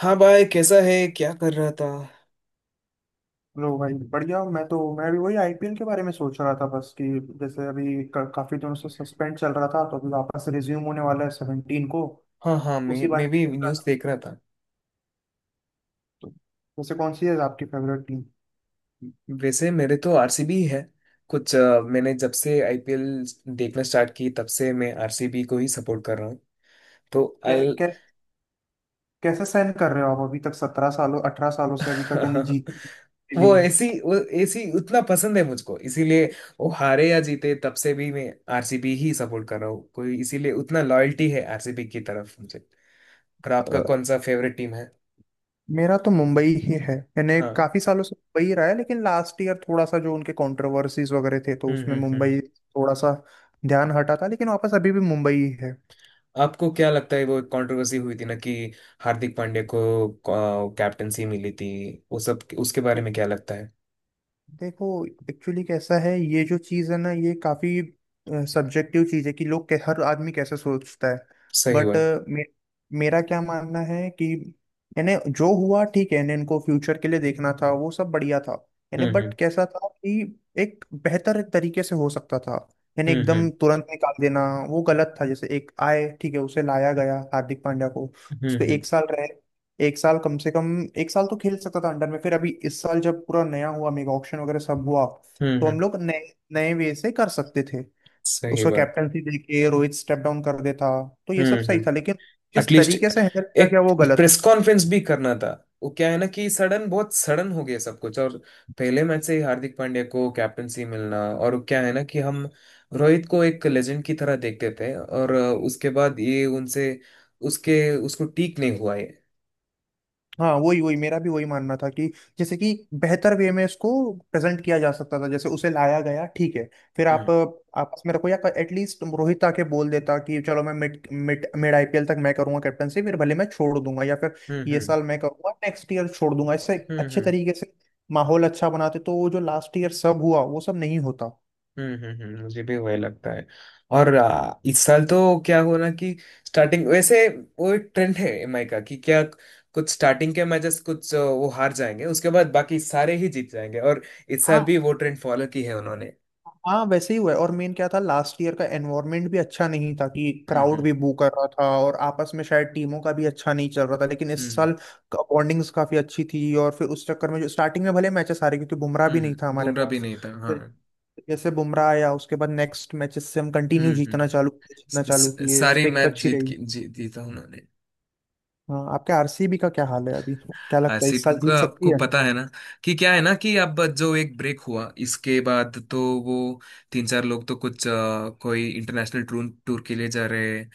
हाँ भाई, कैसा है? क्या कर रहा था? लो भाई बढ़िया। मैं भी वही आईपीएल के बारे में सोच रहा था बस कि जैसे काफी दिनों से सस्पेंड चल रहा था तो अभी वापस रिज्यूम होने वाला है 17 को। हाँ, हाँ, मैं उसी बारे मैं में भी सोच रहा न्यूज़ था। देख रहा था। तो वैसे कौन सी है आपकी फेवरेट टीम? वैसे मेरे तो आरसीबी है। कुछ मैंने जब से आईपीएल देखना स्टार्ट की तब से मैं आरसीबी को ही सपोर्ट कर रहा हूँ। तो कै, अल कै, कैसे सहन कर रहे हो आप अभी तक 17 सालों 18 सालों से अभी तक यानी जीत भी? वो ऐसी उतना पसंद है मुझको, इसीलिए वो हारे या जीते तब से भी मैं आरसीबी ही सपोर्ट कर रहा हूँ, कोई इसीलिए उतना लॉयल्टी है आरसीबी की तरफ मुझे। और आपका अ, कौन सा फेवरेट टीम है? मेरा तो मुंबई ही है, यानी हाँ। काफी सालों से मुंबई ही रहा है, लेकिन लास्ट ईयर थोड़ा सा जो उनके कंट्रोवर्सीज वगैरह थे तो हम्म, उसमें हम्म, मुंबई थोड़ा सा ध्यान हटा था, लेकिन वापस अभी भी मुंबई ही है। आपको क्या लगता है वो एक कंट्रोवर्सी हुई थी ना कि हार्दिक पांड्या को कैप्टनसी मिली थी, वो सब उसके बारे में क्या लगता है? देखो एक्चुअली कैसा है, ये जो चीज़ है ना, ये काफ़ी सब्जेक्टिव चीज़ है कि लोग हर आदमी कैसे सोचता है। सही बट बात। मे, मेरा क्या मानना है कि यानी जो हुआ ठीक है, यानी इनको फ्यूचर के लिए देखना था, वो सब बढ़िया था, यानी हम्म, बट कैसा था कि एक बेहतर तरीके से हो सकता था। यानी हम्म, एकदम हम्म, तुरंत निकाल देना वो गलत था। जैसे एक आए ठीक है, उसे लाया गया हार्दिक पांड्या को, हम्म, उस पर हम्म, हम्म, एक साल रह एक साल कम से कम एक साल तो खेल सकता था अंडर में। फिर अभी इस साल जब पूरा नया हुआ मेगा ऑक्शन वगैरह सब हुआ, तो हम्म। हम लोग नए नए वे से कर सकते थे। सही उसको बात। कैप्टनसी देके रोहित स्टेप डाउन कर देता, तो ये हम्म, सब सही हम्म। था, लेकिन जिस एटलीस्ट तरीके से हैंडल किया गया एक वो गलत। प्रेस कॉन्फ्रेंस भी करना था। वो क्या है ना कि सडन, बहुत सडन हो गया सब कुछ, और पहले मैच से ही हार्दिक पांड्या को कैप्टनसी मिलना, और वो क्या है ना कि हम रोहित को एक लेजेंड की तरह देखते थे, और उसके बाद ये उनसे उसके उसको ठीक नहीं हुआ है। हाँ, वही वही मेरा भी वही मानना था कि जैसे कि बेहतर वे में इसको प्रेजेंट किया जा सकता था। जैसे उसे लाया गया ठीक है, फिर आप आपस में रखो, या एटलीस्ट रोहित आके बोल देता कि चलो मैं मिड मिड मिड आईपीएल तक मैं करूंगा कैप्टनसी, फिर भले मैं छोड़ दूंगा, या फिर हम्म, ये हम्म, साल मैं करूंगा नेक्स्ट ईयर छोड़ दूंगा। इससे हम्म, अच्छे हम्म, तरीके से माहौल अच्छा बनाते, तो वो जो लास्ट ईयर सब हुआ वो सब नहीं होता। हम्म, मुझे भी वही लगता है। और इस साल तो क्या हुआ ना कि स्टार्टिंग वैसे वो एक ट्रेंड है एमआई का कि क्या, कुछ स्टार्टिंग के मैचेस कुछ वो हार जाएंगे, उसके बाद बाकी सारे ही जीत जाएंगे, और इस साल हाँ, भी वो ट्रेंड फॉलो की है उन्होंने। हाँ, वैसे ही हुआ है। और मेन क्या था, लास्ट ईयर का एनवायरनमेंट भी अच्छा नहीं था कि हम्म, क्राउड हम्म, भी बू कर रहा था और आपस में शायद टीमों का भी अच्छा नहीं चल रहा था। लेकिन इस हम्म, साल बॉन्डिंग्स काफी अच्छी थी। और फिर उस चक्कर में जो स्टार्टिंग में भले मैचेस आ रहे क्योंकि बुमराह भी नहीं था हम्म, हमारे बुमराह भी पास, नहीं था, हाँ। फिर जैसे बुमराह आया उसके बाद नेक्स्ट मैचेस से हम कंटिन्यू हम्म, हम्म। जीतना चालू किए, सारी स्ट्रिक्स मैच अच्छी जीत रही। की जीता उन्होंने। हाँ, आपके आरसीबी का क्या हाल है, अभी क्या लगता है आसिफ इस साल जीत का सकती आपको है? पता है ना कि क्या है ना कि अब जो एक ब्रेक हुआ इसके बाद तो वो तीन चार लोग तो कुछ कोई इंटरनेशनल टूर टूर के लिए जा रहे हैं।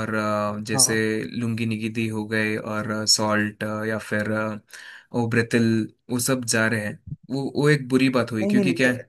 और हाँ। जैसे लुंगी निगिदी हो गए और सॉल्ट, या फिर ओब्रेतिल, वो सब जा रहे हैं। वो एक बुरी बात हुई, नहीं, नहीं, क्योंकि क्या लेकिन है?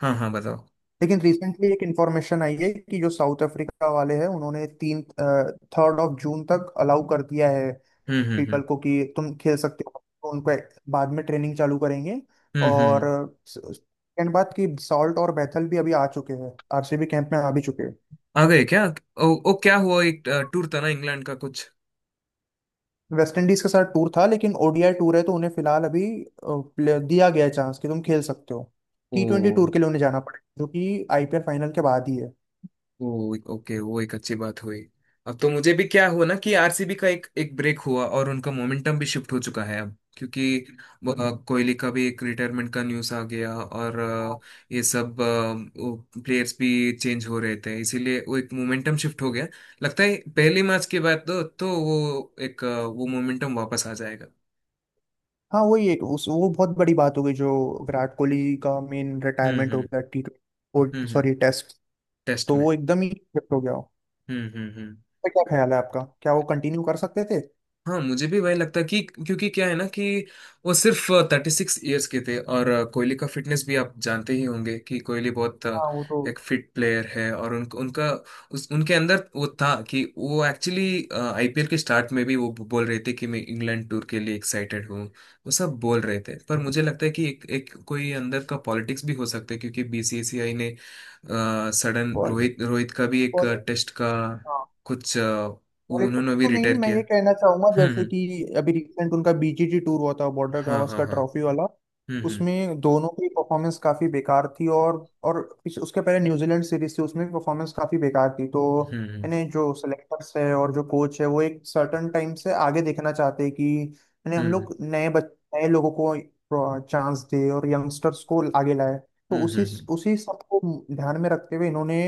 हाँ, हाँ, बताओ। लेकिन रिसेंटली एक इंफॉर्मेशन आई है कि जो साउथ अफ्रीका वाले हैं उन्होंने तीन थर्ड ऑफ जून तक अलाउ कर दिया है हम्म, हम्म, हम्म, पीपल को कि तुम खेल सकते हो। तो उनको बाद में ट्रेनिंग चालू करेंगे। हम्म, हम्म, और सेकंड बात कि सॉल्ट और बैथल भी अभी आ चुके हैं, आरसीबी कैंप में आ भी चुके हैं। आ गए क्या? ओ, ओ, क्या हुआ, एक टूर था ना इंग्लैंड का कुछ? वेस्ट इंडीज के साथ टूर था, लेकिन ओडीआई टूर है तो उन्हें फिलहाल अभी दिया गया है चांस कि तुम खेल सकते हो। टी ट्वेंटी ओ, टूर के लिए उन्हें जाना पड़ेगा जो कि आईपीएल फाइनल के बाद ही वो ओके, वो एक अच्छी बात हुई। अब तो मुझे भी क्या हुआ ना कि आरसीबी का एक एक ब्रेक हुआ और उनका मोमेंटम भी शिफ्ट हो चुका है अब, क्योंकि कोहली का भी एक रिटायरमेंट का न्यूज़ आ गया, और है। ये सब प्लेयर्स भी चेंज हो रहे थे, इसीलिए वो एक मोमेंटम शिफ्ट हो गया। लगता है पहले मैच के बाद तो वो एक वो मोमेंटम वापस आ जाएगा। हाँ, वही एक उस वो बहुत बड़ी बात हो गई, जो विराट कोहली का मेन हम्म, रिटायरमेंट हो हम्म, गया टी हम्म, ट्वेंटी हम्म। Sorry test. टेस्ट तो में। वो एकदम ही shift हो गया हो। हम्म, हम्म, हम्म। क्या ख्याल है आपका, क्या वो कंटिन्यू कर सकते थे? हाँ, मुझे भी वही लगता है कि क्योंकि क्या है ना कि वो सिर्फ 36 ईयर्स के थे, और कोहली का फिटनेस भी आप जानते ही होंगे कि कोहली बहुत हाँ वो तो। एक फिट प्लेयर है, और उनका उस उनके अंदर वो था कि वो एक्चुअली आईपीएल के स्टार्ट में भी वो बोल रहे थे कि मैं इंग्लैंड टूर के लिए एक्साइटेड हूँ। वो सब बोल रहे थे, पर मुझे लगता है कि एक कोई अंदर का पॉलिटिक्स भी हो सकता है, क्योंकि बीसीसीआई ने सडन बॉल- रोहित रोहित का भी एक बॉल- टेस्ट का हाँ, कुछ लॉलीपॉप उन्होंने भी तो नहीं, रिटायर मैं किया। ये कहना चाहूंगा जैसे हम्म, कि अभी रिसेंट उनका बीजीटी टूर हुआ था, बॉर्डर हाँ, हाँ, गावस्कर का हाँ। ट्रॉफी वाला, हम्म, हम्म, उसमें दोनों की परफॉर्मेंस काफी बेकार थी। और उसके पहले न्यूजीलैंड सीरीज थी उसमें भी परफॉर्मेंस काफी बेकार थी। तो हम्म, यानी जो सेलेक्टर्स है और जो कोच है वो एक सर्टन टाइम से आगे देखना चाहते हैं कि यानी हम हम्म, लोग नए लोगों को चांस दे और यंगस्टर्स को आगे लाए। तो हम्म, उसी हम्म, उसी सबको ध्यान में रखते हुए इन्होंने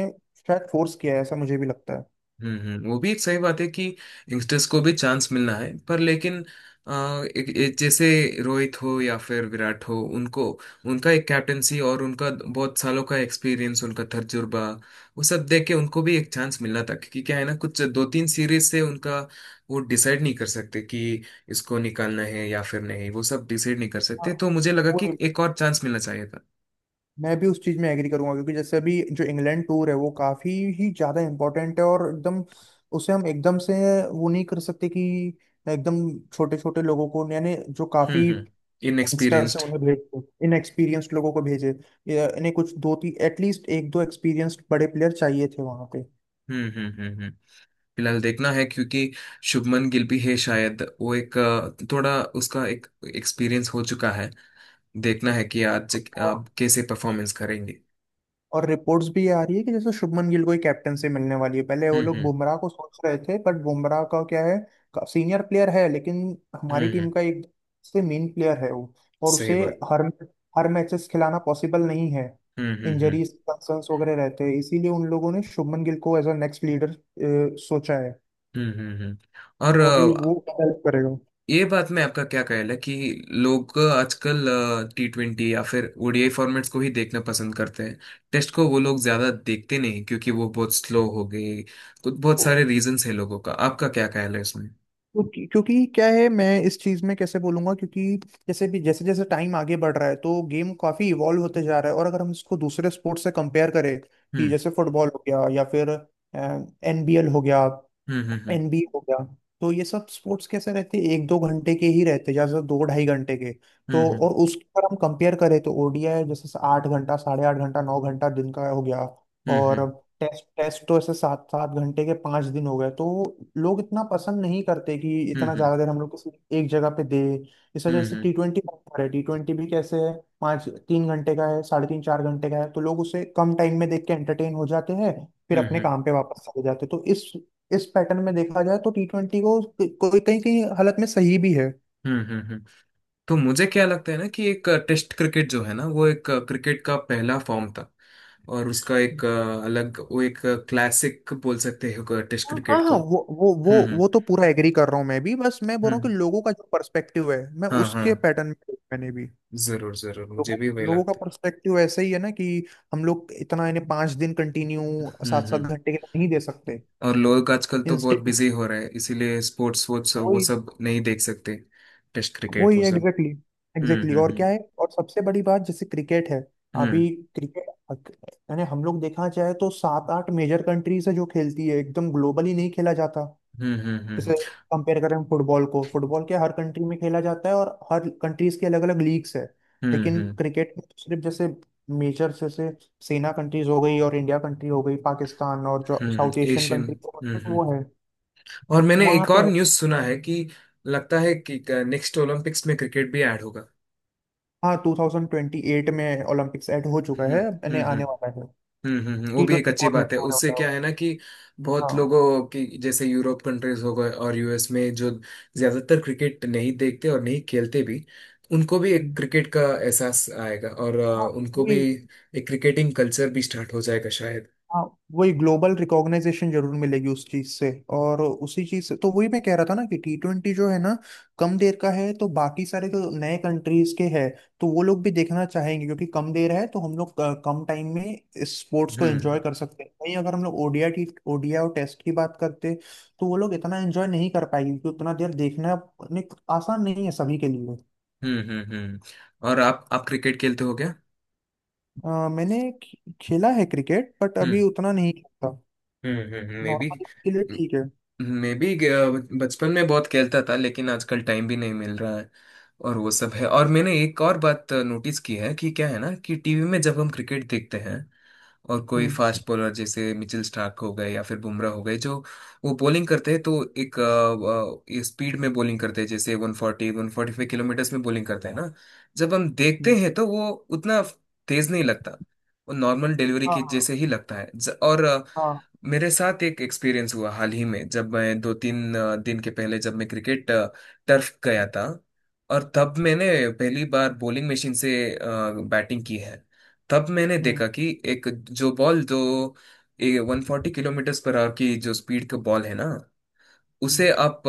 शायद फोर्स किया है, ऐसा मुझे भी लगता है। हम्म, वो भी एक सही बात है कि यंगस्टर्स को भी चांस मिलना है, पर लेकिन अ, एक जैसे रोहित हो या फिर विराट हो, उनको उनका एक कैप्टेंसी और उनका बहुत सालों का एक्सपीरियंस, उनका तजुर्बा, वो सब देख के उनको भी एक चांस मिलना था, क्योंकि क्या है ना कुछ दो तीन सीरीज से उनका वो डिसाइड नहीं कर सकते कि इसको निकालना है या फिर नहीं, वो सब डिसाइड नहीं कर हाँ, सकते, तो मुझे लगा वो कि एक और चांस मिलना चाहिए था। मैं भी उस चीज़ में एग्री करूंगा क्योंकि जैसे अभी जो इंग्लैंड टूर है वो काफ़ी ही ज़्यादा इम्पोर्टेंट है। और एकदम उसे हम एकदम से वो नहीं कर सकते कि एकदम छोटे छोटे लोगों को यानी जो हम्म, काफ़ी हम्म। यंगस्टर्स हैं इनएक्सपीरियंस्ड। उन्हें भेज इनएक्सपीरियंस्ड लोगों को भेजे। या इन्हें कुछ दो तीन एटलीस्ट एक दो एक्सपीरियंस्ड बड़े प्लेयर चाहिए थे वहाँ पे। हम्म, हम्म, हम्म, फिलहाल देखना है, क्योंकि शुभमन गिल भी है, शायद वो एक थोड़ा उसका एक एक्सपीरियंस हो चुका है। देखना है कि आज आप कैसे परफॉर्मेंस करेंगे। और रिपोर्ट्स भी ये आ रही है कि जैसे शुभमन गिल को ही कैप्टनसी मिलने वाली है। पहले वो हम्म, लोग हम्म, बुमराह को सोच रहे थे, बट बुमराह का क्या है, सीनियर प्लेयर है लेकिन हम्म, हमारी टीम का एक से मेन प्लेयर है वो। और सही उसे बात। हर हर मैचेस खिलाना पॉसिबल नहीं है, हम्म, हम्म, हम्म, इंजरीज कंसर्न्स वगैरह रहते हैं, इसीलिए उन लोगों ने शुभमन गिल को एज अ नेक्स्ट लीडर सोचा है। हम्म, हम्म, और तो अभी वो हेल्प करेगा। ये बात में आपका क्या ख्याल है कि लोग आजकल T20 या फिर ओडीआई फॉर्मेट्स को ही देखना पसंद करते हैं, टेस्ट को वो लोग ज्यादा देखते नहीं, क्योंकि वो बहुत स्लो हो गए, तो बहुत सारे रीजंस है, लोगों का आपका क्या ख्याल है इसमें? क्योंकि क्योंकि क्या है, मैं इस चीज में कैसे बोलूंगा क्योंकि जैसे जैसे टाइम आगे बढ़ रहा है तो गेम काफी इवॉल्व होते जा रहा है। और अगर हम इसको दूसरे स्पोर्ट्स से कंपेयर करें कि हम्म, जैसे फुटबॉल हो गया, या फिर एनबीएल हो गया, हम्म, हम्म, एनबी हो गया, तो ये सब स्पोर्ट्स कैसे रहते हैं, एक दो घंटे के ही रहते हैं, ज्यादा से ज्यादा दो ढाई घंटे के। तो हम्म, और उसके अगर हम कंपेयर करें तो ओडीआई जैसे 8 घंटा साढ़े आठ घंटा 9 घंटा दिन का हो गया। हम्म, और हम्म, टेस्ट टेस्ट तो ऐसे सात सात घंटे के 5 दिन हो गए। तो लोग इतना पसंद नहीं करते कि इतना हम्म, ज्यादा देर हम लोग किसी एक जगह पे दे। इस वजह से हम्म, टी ट्वेंटी है। टी ट्वेंटी भी कैसे है, पाँच तीन घंटे का है, साढ़े तीन चार घंटे का है, तो लोग उसे कम टाइम में देख के एंटरटेन हो जाते हैं फिर अपने हम्म, काम पे वापस चले जाते हैं। तो इस पैटर्न में देखा जाए तो टी ट्वेंटी को कोई कहीं कहीं हालत में सही भी है। हम्म, हम्म। तो मुझे क्या लगता है ना कि एक टेस्ट क्रिकेट जो है ना, वो एक क्रिकेट का पहला फॉर्म था, और उसका एक अलग वो एक क्लासिक बोल सकते हो टेस्ट हाँ, हाँ, क्रिकेट को। हाँ, हम्म, हम्म, वो तो पूरा एग्री कर रहा हूँ मैं भी, बस मैं बोल रहा हूँ कि हम्म, लोगों का जो पर्सपेक्टिव है मैं हाँ, हाँ, उसके पैटर्न में मैंने भी जरूर जरूर, मुझे लोगों भी वही लोगों का लगता पर्सपेक्टिव ऐसा ही है ना कि हम लोग इतना इन्हें पांच दिन कंटिन्यू है। हम्म, सात सात हम्म। घंटे के नहीं दे सकते। और लोग आजकल तो बहुत इंस्टेंट बिजी हो रहे हैं, इसीलिए स्पोर्ट्स वोर्ट्स वो वही सब नहीं देख सकते। टेस्ट क्रिकेट वही वो सब। एग्जैक्टली, हम्म, एग्जैक्टली और हम्म, क्या है। और सबसे बड़ी बात जैसे क्रिकेट है हम्म, अभी, क्रिकेट यानी हम लोग देखा जाए तो सात आठ मेजर कंट्रीज है जो खेलती है, एकदम ग्लोबली नहीं खेला जाता। हम्म, हम्म, हम्म, हम्म, जैसे कंपेयर करें फुटबॉल को, फुटबॉल के हर कंट्री में खेला जाता है और हर कंट्रीज के अलग अलग लीग्स है। हम्म, लेकिन हम्म, क्रिकेट में तो सिर्फ जैसे मेजर जैसे सेना कंट्रीज हो गई और इंडिया कंट्री हो गई पाकिस्तान और जो हम्म, साउथ एशियन एशियन। कंट्री तो हम्म, मतलब वो है और मैंने वहाँ एक पे और है। न्यूज़ सुना है कि लगता है कि नेक्स्ट ओलंपिक्स में क्रिकेट भी ऐड होगा। हाँ, 2028 में ओलंपिक्स ऐड हो चुका हम्म, है, यानी हम्म, हम्म, आने वाला है। हम्म, वो टी भी एक ट्वेंटी अच्छी फॉर्मेट बात में है, होने उससे वाला है क्या वो। है ना कि बहुत हाँ। लोगों की, जैसे यूरोप कंट्रीज हो गए और यूएस में जो ज्यादातर क्रिकेट नहीं देखते और नहीं खेलते भी, उनको भी एक हम्म। क्रिकेट का एहसास आएगा, और हाँ, उनको भी वही एक क्रिकेटिंग कल्चर भी स्टार्ट हो जाएगा शायद। हाँ वही ग्लोबल रिकॉग्नाइजेशन जरूर मिलेगी उस चीज से। और उसी चीज से तो वही मैं कह रहा था ना कि टी ट्वेंटी जो है ना कम देर का है, तो बाकी सारे जो नए कंट्रीज के हैं तो वो लोग भी देखना चाहेंगे क्योंकि कम देर है तो हम लोग कम टाइम में इस स्पोर्ट्स को एंजॉय हम्म, कर सकते हैं। वहीं अगर हम लोग ओडिया और टेस्ट की बात करते तो वो लोग इतना एंजॉय नहीं कर पाएंगे क्योंकि उतना देर देखना आसान नहीं है सभी के लिए। हम्म, हम्म, हम्म। और आप क्रिकेट खेलते हो मैंने खेला है क्रिकेट बट क्या? अभी उतना नहीं खेलता। हम्म, मे बी। नॉर्मल के लिए ठीक है। मे बी बचपन में बहुत खेलता था, लेकिन आजकल टाइम भी नहीं मिल रहा है, और वो सब है। और मैंने एक और बात नोटिस की है कि क्या है ना कि टीवी में जब हम क्रिकेट देखते हैं, और कोई हम्म। फास्ट बॉलर जैसे मिचेल स्टार्क हो गए या फिर बुमराह हो गए, जो वो बॉलिंग करते हैं, तो एक स्पीड में बॉलिंग करते हैं, जैसे 140-145 किलोमीटर्स में बॉलिंग करते हैं ना, जब हम देखते हैं तो वो उतना तेज नहीं लगता, वो नॉर्मल डिलीवरी के हाँ, जैसे ही लगता है। और हाँ। मेरे साथ एक एक्सपीरियंस हुआ हाल ही में, जब मैं दो तीन दिन के पहले जब मैं क्रिकेट टर्फ गया था, और तब मैंने पहली बार बॉलिंग मशीन से अ, बैटिंग की है। तब मैंने हम्म, देखा कि एक जो बॉल जो 140 किलोमीटर पर आवर की जो स्पीड का बॉल है ना, उसे हम्म। आप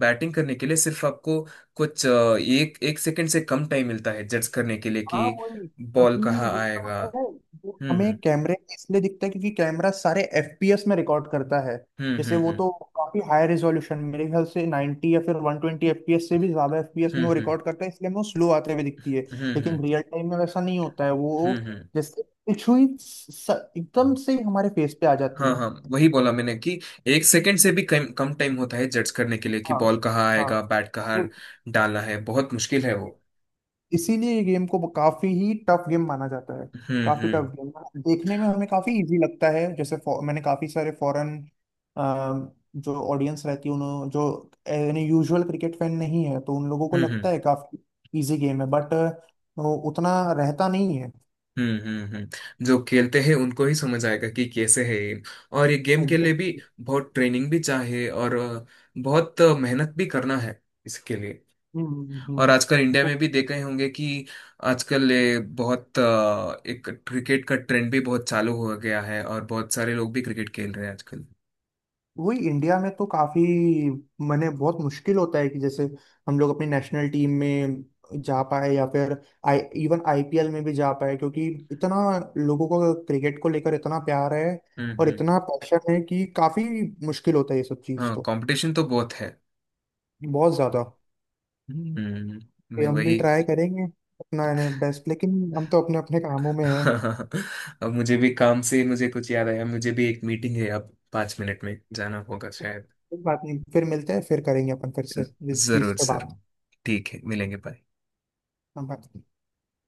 बैटिंग करने के लिए सिर्फ आपको कुछ एक एक सेकंड से कम टाइम मिलता है जज करने के लिए हाँ कि वही बॉल क्योंकि कहाँ वो क्या आएगा। होता है, वो हमें हम्म, कैमरे में इसलिए दिखता है क्योंकि कैमरा सारे एफपीएस में रिकॉर्ड करता है। हम्म, जैसे हम्म, वो हम्म, तो काफी हाई रेजोल्यूशन, मेरे ख्याल से 90 या फिर 120 एफपीएस से भी ज्यादा एफपीएस हम्म, में वो हम्म, रिकॉर्ड करता है, इसलिए हमें वो स्लो आते हुए दिखती है। हम्म, हम्म, हम्म, हम्म, लेकिन रियल टाइम में वैसा नहीं होता है वो। हम्म, हम्म। जैसे पिछुई स- एकदम से ही हमारे फेस पे आ जाती हाँ, है। हाँ, वही बोला मैंने कि एक सेकंड से भी कम कम टाइम होता है जज करने के लिए कि हाँ, बॉल कहाँ हाँ। आएगा, बैट कहाँ तो डालना है, बहुत मुश्किल है वो। इसीलिए ये गेम को काफी ही टफ गेम माना जाता है। हम्म, काफी हम्म, टफ गेम। देखने में हमें काफी इजी लगता है जैसे मैंने काफी सारे फॉरेन जो ऑडियंस रहती है उन्होंने जो यानी यूजुअल क्रिकेट फैन नहीं है तो उन लोगों को हम्म, लगता हम्म, है काफी इजी गेम है बट वो उतना रहता नहीं है। हम्म, हम्म, जो खेलते हैं उनको ही समझ आएगा कि कैसे है ये, और ये गेम के लिए भी एग्जैक्टली। बहुत ट्रेनिंग भी चाहिए और बहुत मेहनत भी करना है इसके लिए। हम्म, और हम्म, आजकल इंडिया में भी हम्म। देख रहे होंगे कि आजकल ये बहुत एक क्रिकेट का ट्रेंड भी बहुत चालू हो गया है और बहुत सारे लोग भी क्रिकेट खेल रहे हैं आजकल। वही इंडिया में तो काफी मैंने बहुत मुश्किल होता है कि जैसे हम लोग अपनी नेशनल टीम में जा पाए या फिर आई इवन आईपीएल में भी जा पाए क्योंकि इतना लोगों को क्रिकेट को लेकर इतना प्यार है हम्म, और हम्म। इतना पैशन है कि काफी मुश्किल होता है ये सब चीज। हाँ, तो कंपटीशन तो बहुत है। बहुत ज्यादा। हम्म। ये मैं हम भी वही। ट्राई करेंगे अपना बेस्ट लेकिन हम तो अपने अपने कामों में हैं। अब मुझे भी काम से मुझे कुछ याद आया, मुझे भी एक मीटिंग है अब, 5 मिनट में जाना होगा शायद। कोई बात नहीं, फिर मिलते हैं, फिर करेंगे अपन फिर से इस चीज जरूर पे जरूर, ठीक है मिलेंगे बाद। बात।